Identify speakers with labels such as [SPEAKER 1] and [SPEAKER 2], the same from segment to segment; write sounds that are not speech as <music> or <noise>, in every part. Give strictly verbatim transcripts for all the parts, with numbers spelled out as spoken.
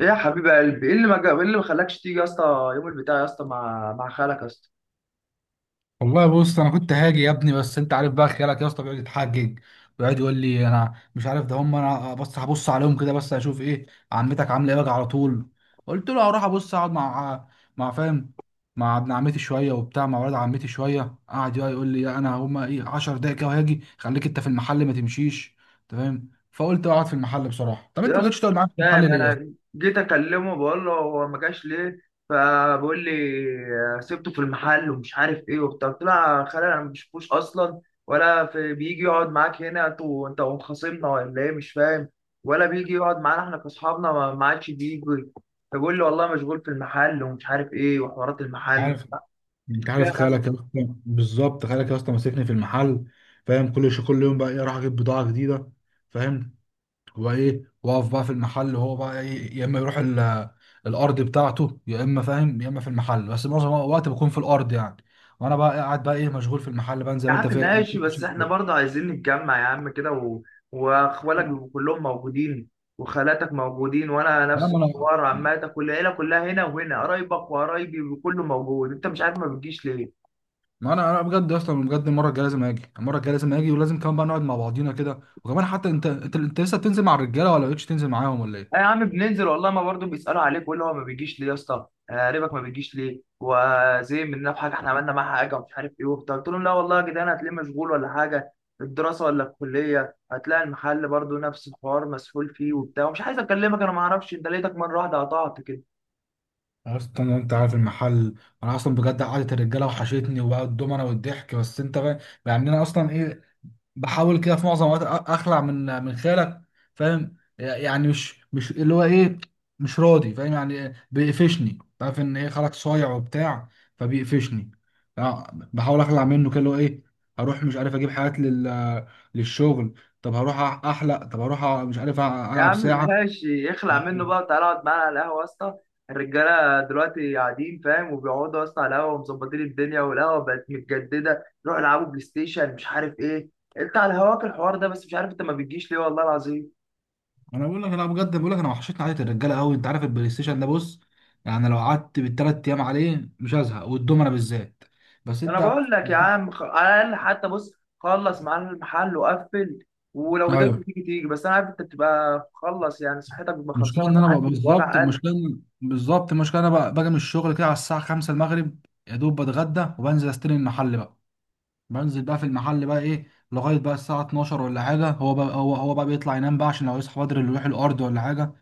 [SPEAKER 1] ايه يا حبيب قلبي، ايه اللي ما جا، ايه اللي ما خلاكش تيجي يا اسطى يوم البتاع يا اسطى مع مع خالك يا اسطى.
[SPEAKER 2] والله بص انا كنت هاجي يا ابني، بس انت عارف بقى خيالك يا اسطى بيقعد يتحجج، ويقعد يقول لي انا مش عارف ده. هم انا بس هبص عليهم كده بس اشوف ايه عمتك عامله ايه واجي على طول. قلت له هروح ابص اقعد مع مع فاهم مع ابن عمتي شويه وبتاع، مع ولاد عمتي شويه. قعد يقعد يقول لي لا، انا هم ايه، 10 دقايق كده وهاجي، خليك انت في المحل ما تمشيش. انت فاهم؟ فقلت اقعد في المحل بصراحه. طب انت
[SPEAKER 1] يا
[SPEAKER 2] ما
[SPEAKER 1] اسطى
[SPEAKER 2] جيتش تقعد
[SPEAKER 1] مش
[SPEAKER 2] معايا في
[SPEAKER 1] فاهم،
[SPEAKER 2] المحل ليه يا اسطى؟
[SPEAKER 1] انا جيت اكلمه بقول له هو ما جاش ليه، فبيقول لي سبته في المحل ومش عارف ايه وبتاع. قلت له يا خالي انا ما بشوفوش اصلا، ولا في بيجي يقعد معاك هنا انت وانت وخصمنا ولا ايه، مش فاهم. ولا بيجي يقعد معانا احنا كاصحابنا، ما ما عادش بيجي، فبيقول لي والله مشغول في المحل ومش عارف ايه وحوارات المحل.
[SPEAKER 2] عارف انت عارف خالك يا اسطى، بالظبط. خالك يا اسطى ماسكني في المحل، فاهم؟ كل شيء. كل يوم بقى ايه، اروح اجيب بضاعه جديده، فاهم؟ وايه، واقف بقى في المحل، وهو بقى ايه، يا اما يروح ال- الارض بتاعته، يا اما فاهم يا اما في المحل، بس معظم الوقت بكون في الارض يعني. وانا بقى إيه، قاعد بقى ايه، مشغول في المحل بقى، زي
[SPEAKER 1] يا
[SPEAKER 2] ما انت
[SPEAKER 1] عم
[SPEAKER 2] فاهم، زي ما
[SPEAKER 1] ماشي،
[SPEAKER 2] انت
[SPEAKER 1] بس
[SPEAKER 2] شايف
[SPEAKER 1] احنا
[SPEAKER 2] كده.
[SPEAKER 1] برضه عايزين نتجمع يا عم كده، و... واخوالك بيبقوا كلهم موجودين وخالاتك موجودين، وانا
[SPEAKER 2] لا،
[SPEAKER 1] نفس
[SPEAKER 2] ما انا
[SPEAKER 1] الحوار، عماتك والعيله كلها هنا، وهنا قرايبك وقرايبي وكله موجود، انت مش عارف ما بتجيش ليه.
[SPEAKER 2] ما انا انا بجد اصلا، بجد المره الجايه لازم اجي، المره الجايه لازم اجي، ولازم كمان بقى نقعد مع بعضينا كده. وكمان حتى انت انت انت لسه بتنزل مع الرجاله ولا بقتش تنزل معاهم ولا ايه؟
[SPEAKER 1] آه يا عم بننزل والله، ما برضه بيسألوا عليك ويقول هو ما بيجيش ليه يا اسطى، آه، قريبك ما بيجيش ليه، وزي مننا في حاجه احنا عملنا معاه حاجه ومش عارف ايه وبتاع. قلت لهم لا والله يا جدعان هتلاقيه مشغول ولا حاجه، الدراسه ولا الكليه، هتلاقي المحل برضه نفس الحوار مسحول فيه وبتاع، ومش عايز اكلمك، انا ما اعرفش انت لقيتك مره واحده قطعت كده.
[SPEAKER 2] اصلا انت عارف المحل. انا اصلا بجد قعدت الرجاله وحشتني وبقى الدومنه والضحك، بس انت بقى، يعني انا اصلا ايه، بحاول كده في معظم الوقت أ- اخلع من من خيالك، فاهم؟ يعني مش مش اللي هو ايه، مش راضي، فاهم؟ يعني بيقفشني، عارف ان ايه، خالك صايع وبتاع، فبيقفشني. آه، بحاول اخلع منه كده، اللي هو ايه، هروح مش عارف اجيب حاجات لل للشغل، طب هروح احلق، طب هروح أ- مش عارف أ-
[SPEAKER 1] يا
[SPEAKER 2] العب
[SPEAKER 1] عم
[SPEAKER 2] ساعه.
[SPEAKER 1] ماشي، اخلع منه بقى وتعالى اقعد معانا على القهوة يا اسطى. الرجالة دلوقتي قاعدين فاهم، وبيقعدوا يا اسطى على القهوة ومظبطين الدنيا، والقهوة بقت متجددة، روح العبوا بلاي ستيشن مش عارف ايه، انت على هواك الحوار ده، بس مش عارف انت ما بتجيش ليه والله العظيم.
[SPEAKER 2] انا بقول لك، انا بجد بقول لك، انا وحشتني قعده الرجاله قوي. انت عارف البلاي ستيشن ده؟ بص، يعني لو قعدت بالثلاث ايام عليه مش هزهق، والدومنه بالذات. بس
[SPEAKER 1] انا
[SPEAKER 2] انت،
[SPEAKER 1] بقول لك يا عم، خ، على الاقل حتى بص، خلص معانا المحل وقفل، ولو قدرت
[SPEAKER 2] ايوه،
[SPEAKER 1] تيجي تيجي، بس انا عارف انت بتبقى خلص يعني، صحتك بتبقى خلصانه
[SPEAKER 2] المشكله ان انا
[SPEAKER 1] لحد
[SPEAKER 2] بقى بالظبط
[SPEAKER 1] وجع قلب.
[SPEAKER 2] المشكله إن- بالظبط المشكله انا بقى باجي من الشغل كده على الساعه خمسه المغرب. يا دوب بتغدى وبنزل استلم المحل بقى. بنزل بقى في المحل بقى ايه لغايه بقى الساعه اتناشر ولا حاجه. هو بقى هو هو بقى بيطلع ينام بقى، عشان لو يصحى بدري اللي يروح الارض ولا حاجه،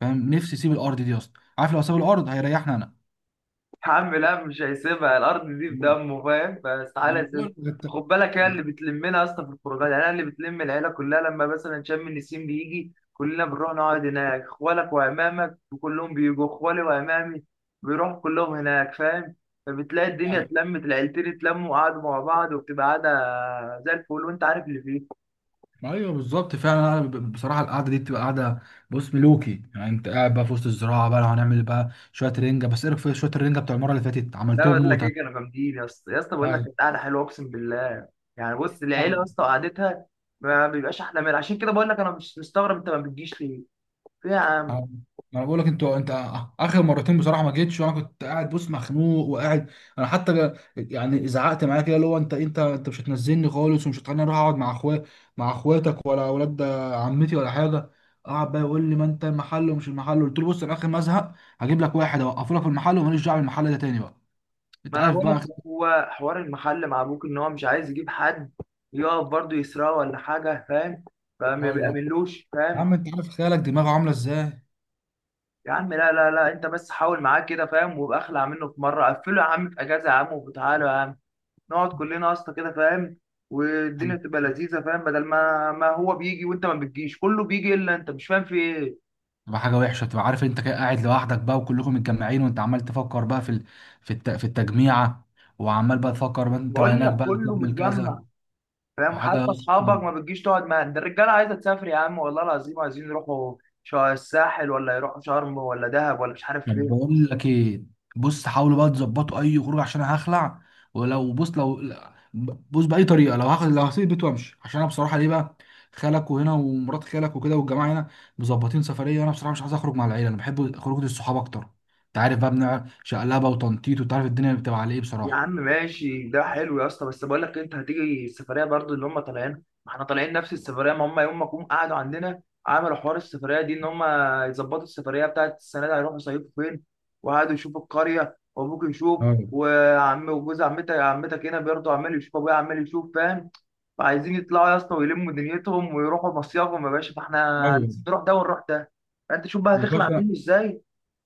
[SPEAKER 2] فاهم؟ نفسي يسيب الارض دي اصلا، عارف لو ساب الارض هيريحني انا.
[SPEAKER 1] يا عم لا، مش هيسيبها الارض دي، في
[SPEAKER 2] ما
[SPEAKER 1] دمه فاهم، فاستحاله
[SPEAKER 2] أنا
[SPEAKER 1] يسيبها.
[SPEAKER 2] بقول لك،
[SPEAKER 1] خد بالك، هي اللي بتلمنا اصلا في الخروجات، يعني انا اللي بتلم العيله كلها، لما مثلا شم النسيم بيجي كلنا بنروح نقعد هناك، اخوالك وعمامك وكلهم بيجوا، اخوالي وعمامي بيروحوا كلهم هناك فاهم، فبتلاقي الدنيا
[SPEAKER 2] انت
[SPEAKER 1] اتلمت، العيلتين اتلموا وقعدوا مع بعض، وبتبقى قاعده زي الفل، وانت عارف اللي فيه.
[SPEAKER 2] ايوه بالظبط. فعلا أنا ب- بصراحه القعده دي بتبقى قعده، بص، ملوكي. يعني انت قاعد بقى في وسط الزراعه بقى، لو هنعمل بقى شويه رنجه، بس ايه رايك في شويه الرنجه بتوع المره اللي فاتت،
[SPEAKER 1] لا
[SPEAKER 2] عملتهم
[SPEAKER 1] بقول لك
[SPEAKER 2] موتة.
[SPEAKER 1] ايه، كانوا جامدين يا اسطى، يا اسطى بقول لك
[SPEAKER 2] ايوه
[SPEAKER 1] كانت قاعده حلوه اقسم بالله. يعني بص العيله يا اسطى قعدتها ما بيبقاش احلى منها، عشان كده بقول لك انا مش مستغرب انت ما بتجيش ليه، ليه يا
[SPEAKER 2] أنا،
[SPEAKER 1] عم؟
[SPEAKER 2] ما انا بقول لك انتوا انت، اخر مرتين بصراحه ما جيتش، وانا كنت قاعد بص، مخنوق وقاعد. انا حتى جا- يعني زعقت معايا كده، اللي هو انت انت انت مش هتنزلني خالص، ومش هتخليني اروح اقعد مع اخويا، مع اخواتك ولا اولاد عمتي ولا حاجه. قعد بقى يقول لي ما انت المحل ومش المحل. قلت له بص، انا اخر ما ازهق هجيب لك واحد اوقفه لك في المحل، وماليش دعوه بالمحل ده تاني بقى. انت
[SPEAKER 1] ما انا
[SPEAKER 2] عارف
[SPEAKER 1] بقول لك،
[SPEAKER 2] بقى.
[SPEAKER 1] هو حوار المحل مع ابوك ان هو مش عايز يجيب حد يقف برضه يسرقه ولا حاجه فاهم، فما
[SPEAKER 2] ايوه
[SPEAKER 1] بيأمنلوش
[SPEAKER 2] يا
[SPEAKER 1] فاهم.
[SPEAKER 2] عم، انت عارف خيالك دماغه عامله ازاي.
[SPEAKER 1] يا عم لا لا لا، انت بس حاول معاه كده فاهم، وابقى اخلع منه في مره، قفله يا عم في اجازه يا عم، وتعالوا يا عم نقعد كلنا يا اسطى كده فاهم، والدنيا تبقى لذيذه فاهم، بدل ما ما هو بيجي وانت ما بتجيش، كله بيجي الا انت، مش فاهم في ايه.
[SPEAKER 2] تبقى حاجه وحشه، تبقى عارف انت كده قاعد لوحدك بقى وكلكم متجمعين، وانت عمال تفكر بقى في ال- في الت- في التجميعه، وعمال بقى تفكر بقى انت
[SPEAKER 1] بقول
[SPEAKER 2] هناك
[SPEAKER 1] لك
[SPEAKER 2] بقى
[SPEAKER 1] كله
[SPEAKER 2] تعمل كذا
[SPEAKER 1] متجمع فاهم، وحتى
[SPEAKER 2] وحاجه.
[SPEAKER 1] اصحابك ما بتجيش تقعد معاهم، ده الرجاله عايزه تسافر يا عم والله العظيم، عايزين يروحوا شا- الساحل، ولا يروحوا شرم ولا دهب ولا مش عارف
[SPEAKER 2] طب
[SPEAKER 1] فين.
[SPEAKER 2] بقول لك ايه، بص حاولوا بقى تظبطوا اي خروج عشان انا هخلع. ولو بص، لو لا، بص باي طريقه، لو هاخد، لو هسيب البيت وامشي، عشان انا بصراحه ليه بقى، خالك وهنا ومرات خالك وكده والجماعه هنا مظبطين سفريه، وانا بصراحه مش عايز اخرج مع العيله، انا بحب خروج الصحاب اكتر. انت عارف بقى بنع شقلبه وتنطيط، وتعرف الدنيا بتبقى على ايه
[SPEAKER 1] يا
[SPEAKER 2] بصراحه.
[SPEAKER 1] عم ماشي ده حلو يا اسطى، بس بقول لك إيه، انت هتيجي السفريه برضو اللي هم طالعين؟ ما احنا طالعين نفس السفريه، ما هم يوم ما جم قعدوا عندنا عملوا حوار السفريه دي، ان هم يظبطوا السفريه بتاعت السنه دي هيروحوا يصيفوا فين، وقعدوا يشوفوا القريه، وابوك يشوف،
[SPEAKER 2] اه
[SPEAKER 1] وعم وجوز عمتك، عمتك هنا برضه عمال يشوف، ابويا عمال يشوف فاهم، فعايزين يطلعوا يا اسطى ويلموا دنيتهم ويروحوا مصيافهم يا باشا، فاحنا
[SPEAKER 2] ايوه
[SPEAKER 1] لازم نروح ده ونروح ده. فانت شوف بقى
[SPEAKER 2] يا
[SPEAKER 1] هتخلع
[SPEAKER 2] باشا.
[SPEAKER 1] منه ازاي،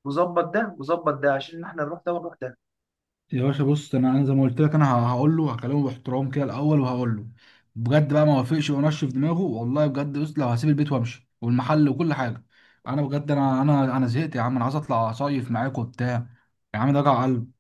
[SPEAKER 1] وظبط ده وظبط ده عشان احنا نروح ده ونروح ده.
[SPEAKER 2] يا باشا بص، انا انا زي ما قلت لك، انا ه- هقول له، هكلمه باحترام كده الاول، وهقول له بجد بقى. ما وافقش وانشف دماغه، والله بجد، بص لو هسيب البيت وامشي، والمحل وكل حاجه. انا بجد، انا انا انا زهقت يا عم، انا عايز اطلع اصيف معاك وبتاع. يا عم ده وجع قلب.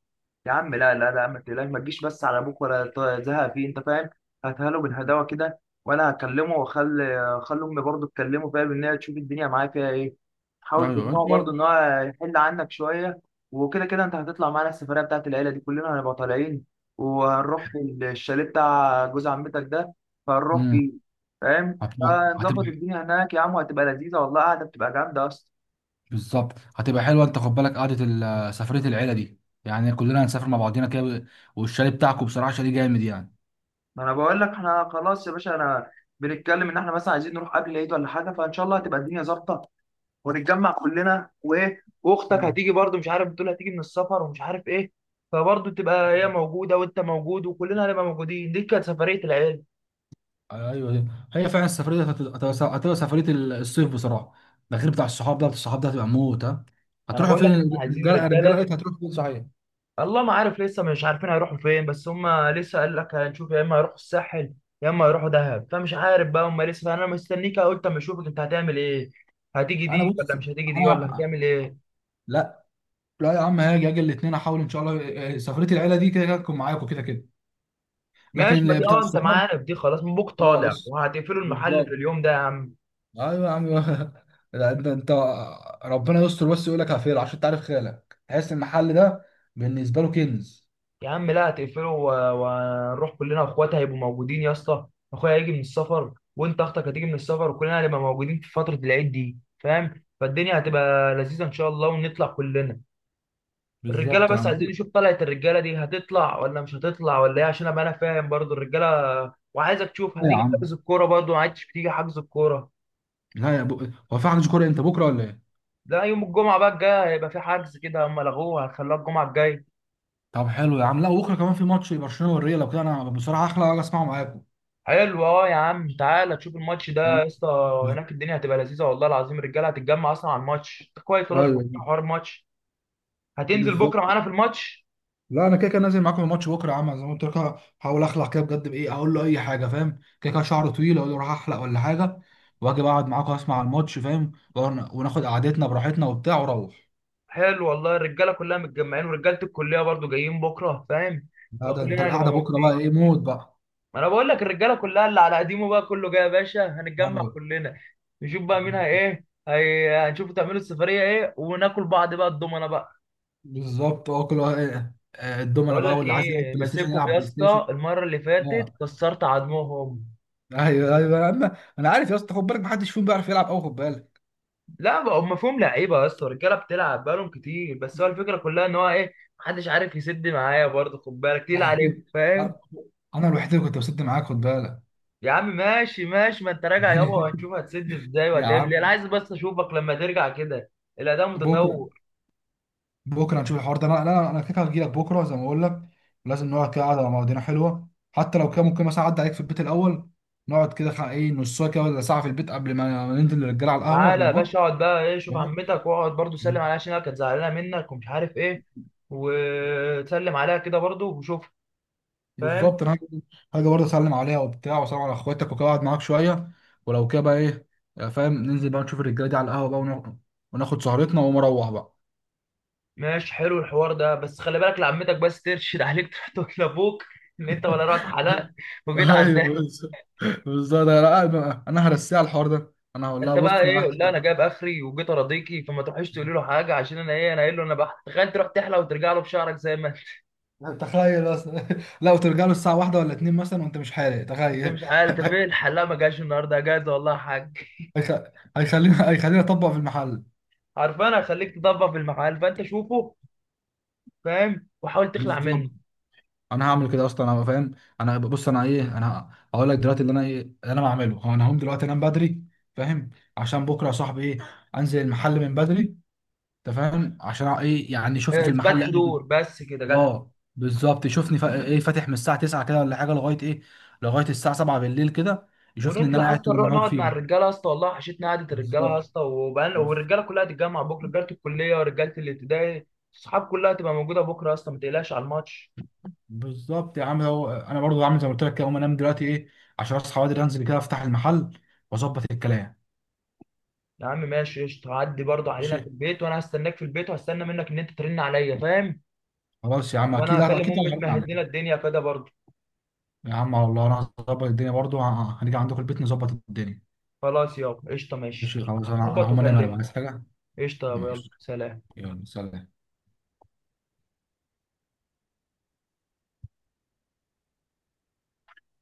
[SPEAKER 1] يا عم لا لا لا، ما تقلقش، ما تجيش بس على ابوك ولا ت- تزهق فيه انت فاهم، هاتها له بالهداوه كده، وانا هكلمه واخلي آه، اخلي امي برضه تكلمه فاهم، ان هي تشوف الدنيا معاه فيها ايه، حاول
[SPEAKER 2] ايوه
[SPEAKER 1] تقنعه
[SPEAKER 2] انت،
[SPEAKER 1] برضه ان هو يحل عنك شويه. وكده كده انت هتطلع معانا السفريه بتاعت العيله دي، كلنا هنبقى طالعين، وهنروح في الشاليه بتاع جوز عمتك ده، فهنروح
[SPEAKER 2] امم،
[SPEAKER 1] فيه فاهم،
[SPEAKER 2] هتبقى،
[SPEAKER 1] فنظبط
[SPEAKER 2] هتبقى
[SPEAKER 1] الدنيا هناك يا عم، وهتبقى لذيذه والله، قاعده بتبقى جامده اصلا.
[SPEAKER 2] بالظبط هتبقى حلوه. انت خد بالك قعده ال- سفريه العيله دي، يعني كلنا هنسافر مع بعضينا كده. والشاليه بتاعكم بصراحه شاليه جامد يعني.
[SPEAKER 1] ما انا بقول لك احنا خلاص يا باشا، انا بنتكلم ان احنا مثلا عايزين نروح قبل العيد ولا حاجه، فان شاء الله هتبقى الدنيا ظابطه، ونتجمع كلنا، وايه، واختك هتيجي برضو، مش عارف بتقول هتيجي من السفر ومش عارف ايه، فبرضو تبقى هي موجوده وانت موجود، وكلنا هنبقى موجودين، دي كانت سفريه العيد.
[SPEAKER 2] ايوه أيوة. هي فعلا السفريه دي هتبقى، هتبقى- هتبقى سفريه الصيف بصراحه. ده غير بتاع الصحاب، ده بتاع الصحاب ده هتبقى موت. ها،
[SPEAKER 1] انا
[SPEAKER 2] هتروحوا
[SPEAKER 1] بقول لك
[SPEAKER 2] فين
[SPEAKER 1] احنا عايزين
[SPEAKER 2] الرجاله؟ الرجاله
[SPEAKER 1] رجاله،
[SPEAKER 2] قالت هتروحوا فين صحيح؟
[SPEAKER 1] الله ما عارف لسه مش عارفين هيروحوا فين، بس هم لسه قال لك هنشوف، يا اما هيروحوا الساحل يا اما هيروحوا دهب، فمش عارف بقى هم لسه، فانا مستنيك قلت اما اشوفك انت هتعمل ايه، هتيجي
[SPEAKER 2] انا
[SPEAKER 1] دي ولا
[SPEAKER 2] بص،
[SPEAKER 1] مش هتيجي دي ولا
[SPEAKER 2] انا
[SPEAKER 1] هتعمل ايه.
[SPEAKER 2] لا. لا يا عم هاجي، اجي الاثنين احاول ان شاء الله إيه، سفريه العيله دي كده كده تكون معاكم كده كده. لكن
[SPEAKER 1] ماشي، ما
[SPEAKER 2] اللي
[SPEAKER 1] دي
[SPEAKER 2] بتاع
[SPEAKER 1] اه، انت
[SPEAKER 2] الصحاب،
[SPEAKER 1] معانا في دي خلاص، مبوك
[SPEAKER 2] اه
[SPEAKER 1] طالع
[SPEAKER 2] اس-
[SPEAKER 1] وهتقفلوا المحل في
[SPEAKER 2] بالظبط.
[SPEAKER 1] اليوم ده يا عم.
[SPEAKER 2] ايوه يا عم <laughs> لا، انت انت ربنا يستر، بس يقول لك هفير عشان تعرف خالك تحس المحل ده بالنسبه له كنز.
[SPEAKER 1] يا عم لا، هتقفلوا، و- وهنروح كلنا، اخواتي هيبقوا موجودين يا اسطى، اخويا هيجي من السفر، وانت اختك هتيجي من السفر، وكلنا هنبقى موجودين في فترة العيد دي فاهم، فالدنيا هتبقى لذيذة ان شاء الله، ونطلع كلنا. الرجالة
[SPEAKER 2] بالظبط يا
[SPEAKER 1] بس
[SPEAKER 2] عم.
[SPEAKER 1] عايزين نشوف، طلعت الرجالة دي هتطلع ولا مش هتطلع ولا ايه، عشان ابقى انا فاهم برضو الرجالة، وعايزك تشوف
[SPEAKER 2] إيه يا
[SPEAKER 1] هتيجي
[SPEAKER 2] عم؟
[SPEAKER 1] حجز الكورة برضو، ما عادش بتيجي حجز الكورة.
[SPEAKER 2] لا يا بو... هو في عندك كوره امتى، بكره ولا ايه؟
[SPEAKER 1] لا يوم الجمعة بقى الجاية هيبقى في حجز كده، هم لغوه، هتخلوها الجمعة الجاية.
[SPEAKER 2] طب حلو يا عم. لا بكره كمان في ماتش برشلونه والريال، لو كده انا بصراحه احلى اجي اسمعه معاكم،
[SPEAKER 1] حلو، اه يا عم، تعالى تشوف الماتش ده
[SPEAKER 2] فاهم؟
[SPEAKER 1] يا اسطى، هناك الدنيا هتبقى لذيذه والله العظيم، الرجاله هتتجمع اصلا على الماتش ده كويس، والله في
[SPEAKER 2] ايوه
[SPEAKER 1] حوار الماتش، هتنزل بكره
[SPEAKER 2] بالظبط.
[SPEAKER 1] معانا في الماتش.
[SPEAKER 2] لا انا كده كده نازل معاكم الماتش بكره يا عم، زي ما قلت لك. هحاول اخلع كده بجد، بايه اقول له اي حاجه، فاهم؟ كده كده شعره طويل، اقول له راح احلق ولا حاجه، واجي بقعد معاكم اسمع الماتش، فاهم؟ ون- وناخد قعدتنا براحتنا وبتاع واروح.
[SPEAKER 1] حلو والله، الرجاله كلها متجمعين، ورجاله الكليه برضو جايين بكره فاهم،
[SPEAKER 2] لا ده انت
[SPEAKER 1] فكلنا هنبقى
[SPEAKER 2] القعده بكره بقى
[SPEAKER 1] موجودين.
[SPEAKER 2] ايه موت بقى.
[SPEAKER 1] ما انا بقول لك الرجاله كلها اللي على قديمه بقى كله جاي يا باشا، هنتجمع
[SPEAKER 2] أيوة.
[SPEAKER 1] كلنا، نشوف بقى مين هي ايه هي، هنشوف تعملوا السفريه ايه، وناكل بعض بقى الضمنه بقى.
[SPEAKER 2] بالظبط، اه كل واحد- آه، الدومنه
[SPEAKER 1] بقول
[SPEAKER 2] بقى،
[SPEAKER 1] لك
[SPEAKER 2] واللي عايز يلعب
[SPEAKER 1] ايه،
[SPEAKER 2] بلاي ستيشن
[SPEAKER 1] ماسكهم
[SPEAKER 2] يلعب
[SPEAKER 1] يا
[SPEAKER 2] بلاي ستيشن.
[SPEAKER 1] اسطى المره اللي فاتت،
[SPEAKER 2] آه.
[SPEAKER 1] كسرت عضمهم.
[SPEAKER 2] ايوه ايوه، انا انا عارف يا اسطى. خد بالك محدش فيهم بيعرف يلعب قوي، خد بالك.
[SPEAKER 1] لا بقى هم فيهم لعيبه يا اسطى، الرجاله بتلعب بقالهم كتير، بس هو
[SPEAKER 2] <laughs>
[SPEAKER 1] الفكره كلها ان هو ايه، محدش عارف يسد معايا برضه، خد بالك تقيل عليهم
[SPEAKER 2] يعني
[SPEAKER 1] فاهم.
[SPEAKER 2] انا الوحيد اللي كنت بسد معاك، خد بالك.
[SPEAKER 1] يا عم ماشي ماشي، ما انت راجع يابا،
[SPEAKER 2] <laughs>
[SPEAKER 1] وهنشوف هتسد ازاي
[SPEAKER 2] يا
[SPEAKER 1] وهتعمل ايه، انا
[SPEAKER 2] عم
[SPEAKER 1] عايز بس اشوفك لما ترجع كده، الاداء
[SPEAKER 2] بكره،
[SPEAKER 1] متطور.
[SPEAKER 2] بكره نشوف الحوار ده. انا انا انا كده هجي لك بكره زي ما بقول لك. لازم نقعد كده قعده مع بعضنا حلوه، حتى لو كان ممكن مثلا اعدي عليك في البيت الاول، نقعد كده خ- ايه نص ساعه كده ولا ساعه في البيت، قبل ما ننزل للرجاله على القهوه قبل
[SPEAKER 1] تعالى يا
[SPEAKER 2] الماتش،
[SPEAKER 1] باشا، اقعد بقى ايه، شوف عمتك واقعد برضه سلم
[SPEAKER 2] فاهم؟
[SPEAKER 1] عليها، عشان هي كانت زعلانه منك ومش عارف ايه، وتسلم عليها كده برضه، وشوف فاهم.
[SPEAKER 2] بالظبط انا هاجي، هاجي برضه اسلم عليها وبتاع، واسلم على اخواتك وكده، اقعد معاك شويه. ولو كده بقى ايه، آه، فاهم، ننزل بقى نشوف الرجاله دي على القهوه بقى، وناخد، وناخد سهرتنا، واقوم اروح بقى.
[SPEAKER 1] ماشي حلو الحوار ده، بس خلي بالك لعمتك، بس ترشد عليك تروح تقول لابوك ان انت ولا رحت حلقت
[SPEAKER 2] <laughs>
[SPEAKER 1] وجيت
[SPEAKER 2] ايوه
[SPEAKER 1] عندها.
[SPEAKER 2] بالظبط. بالظبط انا قاعد بقى- انا هرسيها على الحوار ده. انا هقول لها
[SPEAKER 1] انت بقى
[SPEAKER 2] بص انا
[SPEAKER 1] ايه، قول لها
[SPEAKER 2] هحلق.
[SPEAKER 1] انا جايب اخري وجيت ارضيكي، فما تروحيش تقولي له حاجه، عشان انا ايه، انا قايل له انا بحت، تخيل تروح تحلق وترجع له بشعرك زي ما انت.
[SPEAKER 2] تخيل اصلا. <laughs> لا وترجع له الساعه واحدة ولا اتنين مثلا وانت مش حالق،
[SPEAKER 1] <laughs> انت
[SPEAKER 2] تخيل.
[SPEAKER 1] مش عارف انت فين الحلاق، ما جاش النهارده جاز والله يا حاج.
[SPEAKER 2] <laughs> هيخ- هيخليني هيخليني اطبق في المحل.
[SPEAKER 1] عارفان هخليك تطبق في المحل، فانت شوفه فاهم، وحاول تخلع منه.
[SPEAKER 2] بالظبط انا هعمل كده اصلا، انا فاهم. انا بص، انا ايه، انا هقول لك دلوقتي اللي انا ايه، اللي انا بعمله هو انا هقوم دلوقتي انام بدري، فاهم؟ عشان بكره يا صاحبي ايه، انزل المحل من بدري. انت فاهم عشان ايه؟ يعني شوفني
[SPEAKER 1] اه،
[SPEAKER 2] في
[SPEAKER 1] اثبات
[SPEAKER 2] المحل قاعد-
[SPEAKER 1] حضور بس كده جدع.
[SPEAKER 2] اه بالظبط، شوفني فا- ايه فاتح من الساعه تسعه كده ولا حاجه، لغايه ايه، لغايه الساعه سبعه بالليل كده، يشوفني ان انا
[SPEAKER 1] ونطلع
[SPEAKER 2] قاعد
[SPEAKER 1] اصلا
[SPEAKER 2] طول
[SPEAKER 1] نروح
[SPEAKER 2] النهار
[SPEAKER 1] نقعد مع
[SPEAKER 2] فيه.
[SPEAKER 1] الرجاله يا اسطى، والله وحشتنا قعده الرجاله يا
[SPEAKER 2] بالظبط.
[SPEAKER 1] اسطى، وبقى- والرجاله كلها هتتجمع بكره، رجاله الكليه ورجاله الابتدائي، الصحاب كلها هتبقى موجوده بكره يا اسطى، ما تقلقش على الماتش.
[SPEAKER 2] بالظبط يا عم، هو انا برضو عامل زي ما قلت لك كده، اقوم انام دلوقتي ايه عشان اصحى بدري، انزل كده افتح المحل واظبط الكلام.
[SPEAKER 1] يا عم ماشي قشطة، هعدي برضه
[SPEAKER 2] ماشي،
[SPEAKER 1] علينا في البيت، وانا هستناك في البيت، وهستنى منك ان انت ترن عليا فاهم،
[SPEAKER 2] خلاص يا عم،
[SPEAKER 1] وانا
[SPEAKER 2] اكيد
[SPEAKER 1] هكلم
[SPEAKER 2] اكيد
[SPEAKER 1] امي
[SPEAKER 2] هنعرض
[SPEAKER 1] تمهد لنا
[SPEAKER 2] عليك.
[SPEAKER 1] الدنيا كده برضه.
[SPEAKER 2] يا عم والله انا هظبط الدنيا برضو، ه- هنيجي عندكم البيت نظبط الدنيا.
[SPEAKER 1] خلاص يابا قشطة،
[SPEAKER 2] ماشي،
[SPEAKER 1] ماشي،
[SPEAKER 2] خلاص، انا أنا
[SPEAKER 1] ظبط
[SPEAKER 2] هقوم انام. انا بقى
[SPEAKER 1] وكلمني.
[SPEAKER 2] عايز حاجه.
[SPEAKER 1] قشطة يابا، يلا
[SPEAKER 2] ماشي،
[SPEAKER 1] سلام.
[SPEAKER 2] يلا سلام.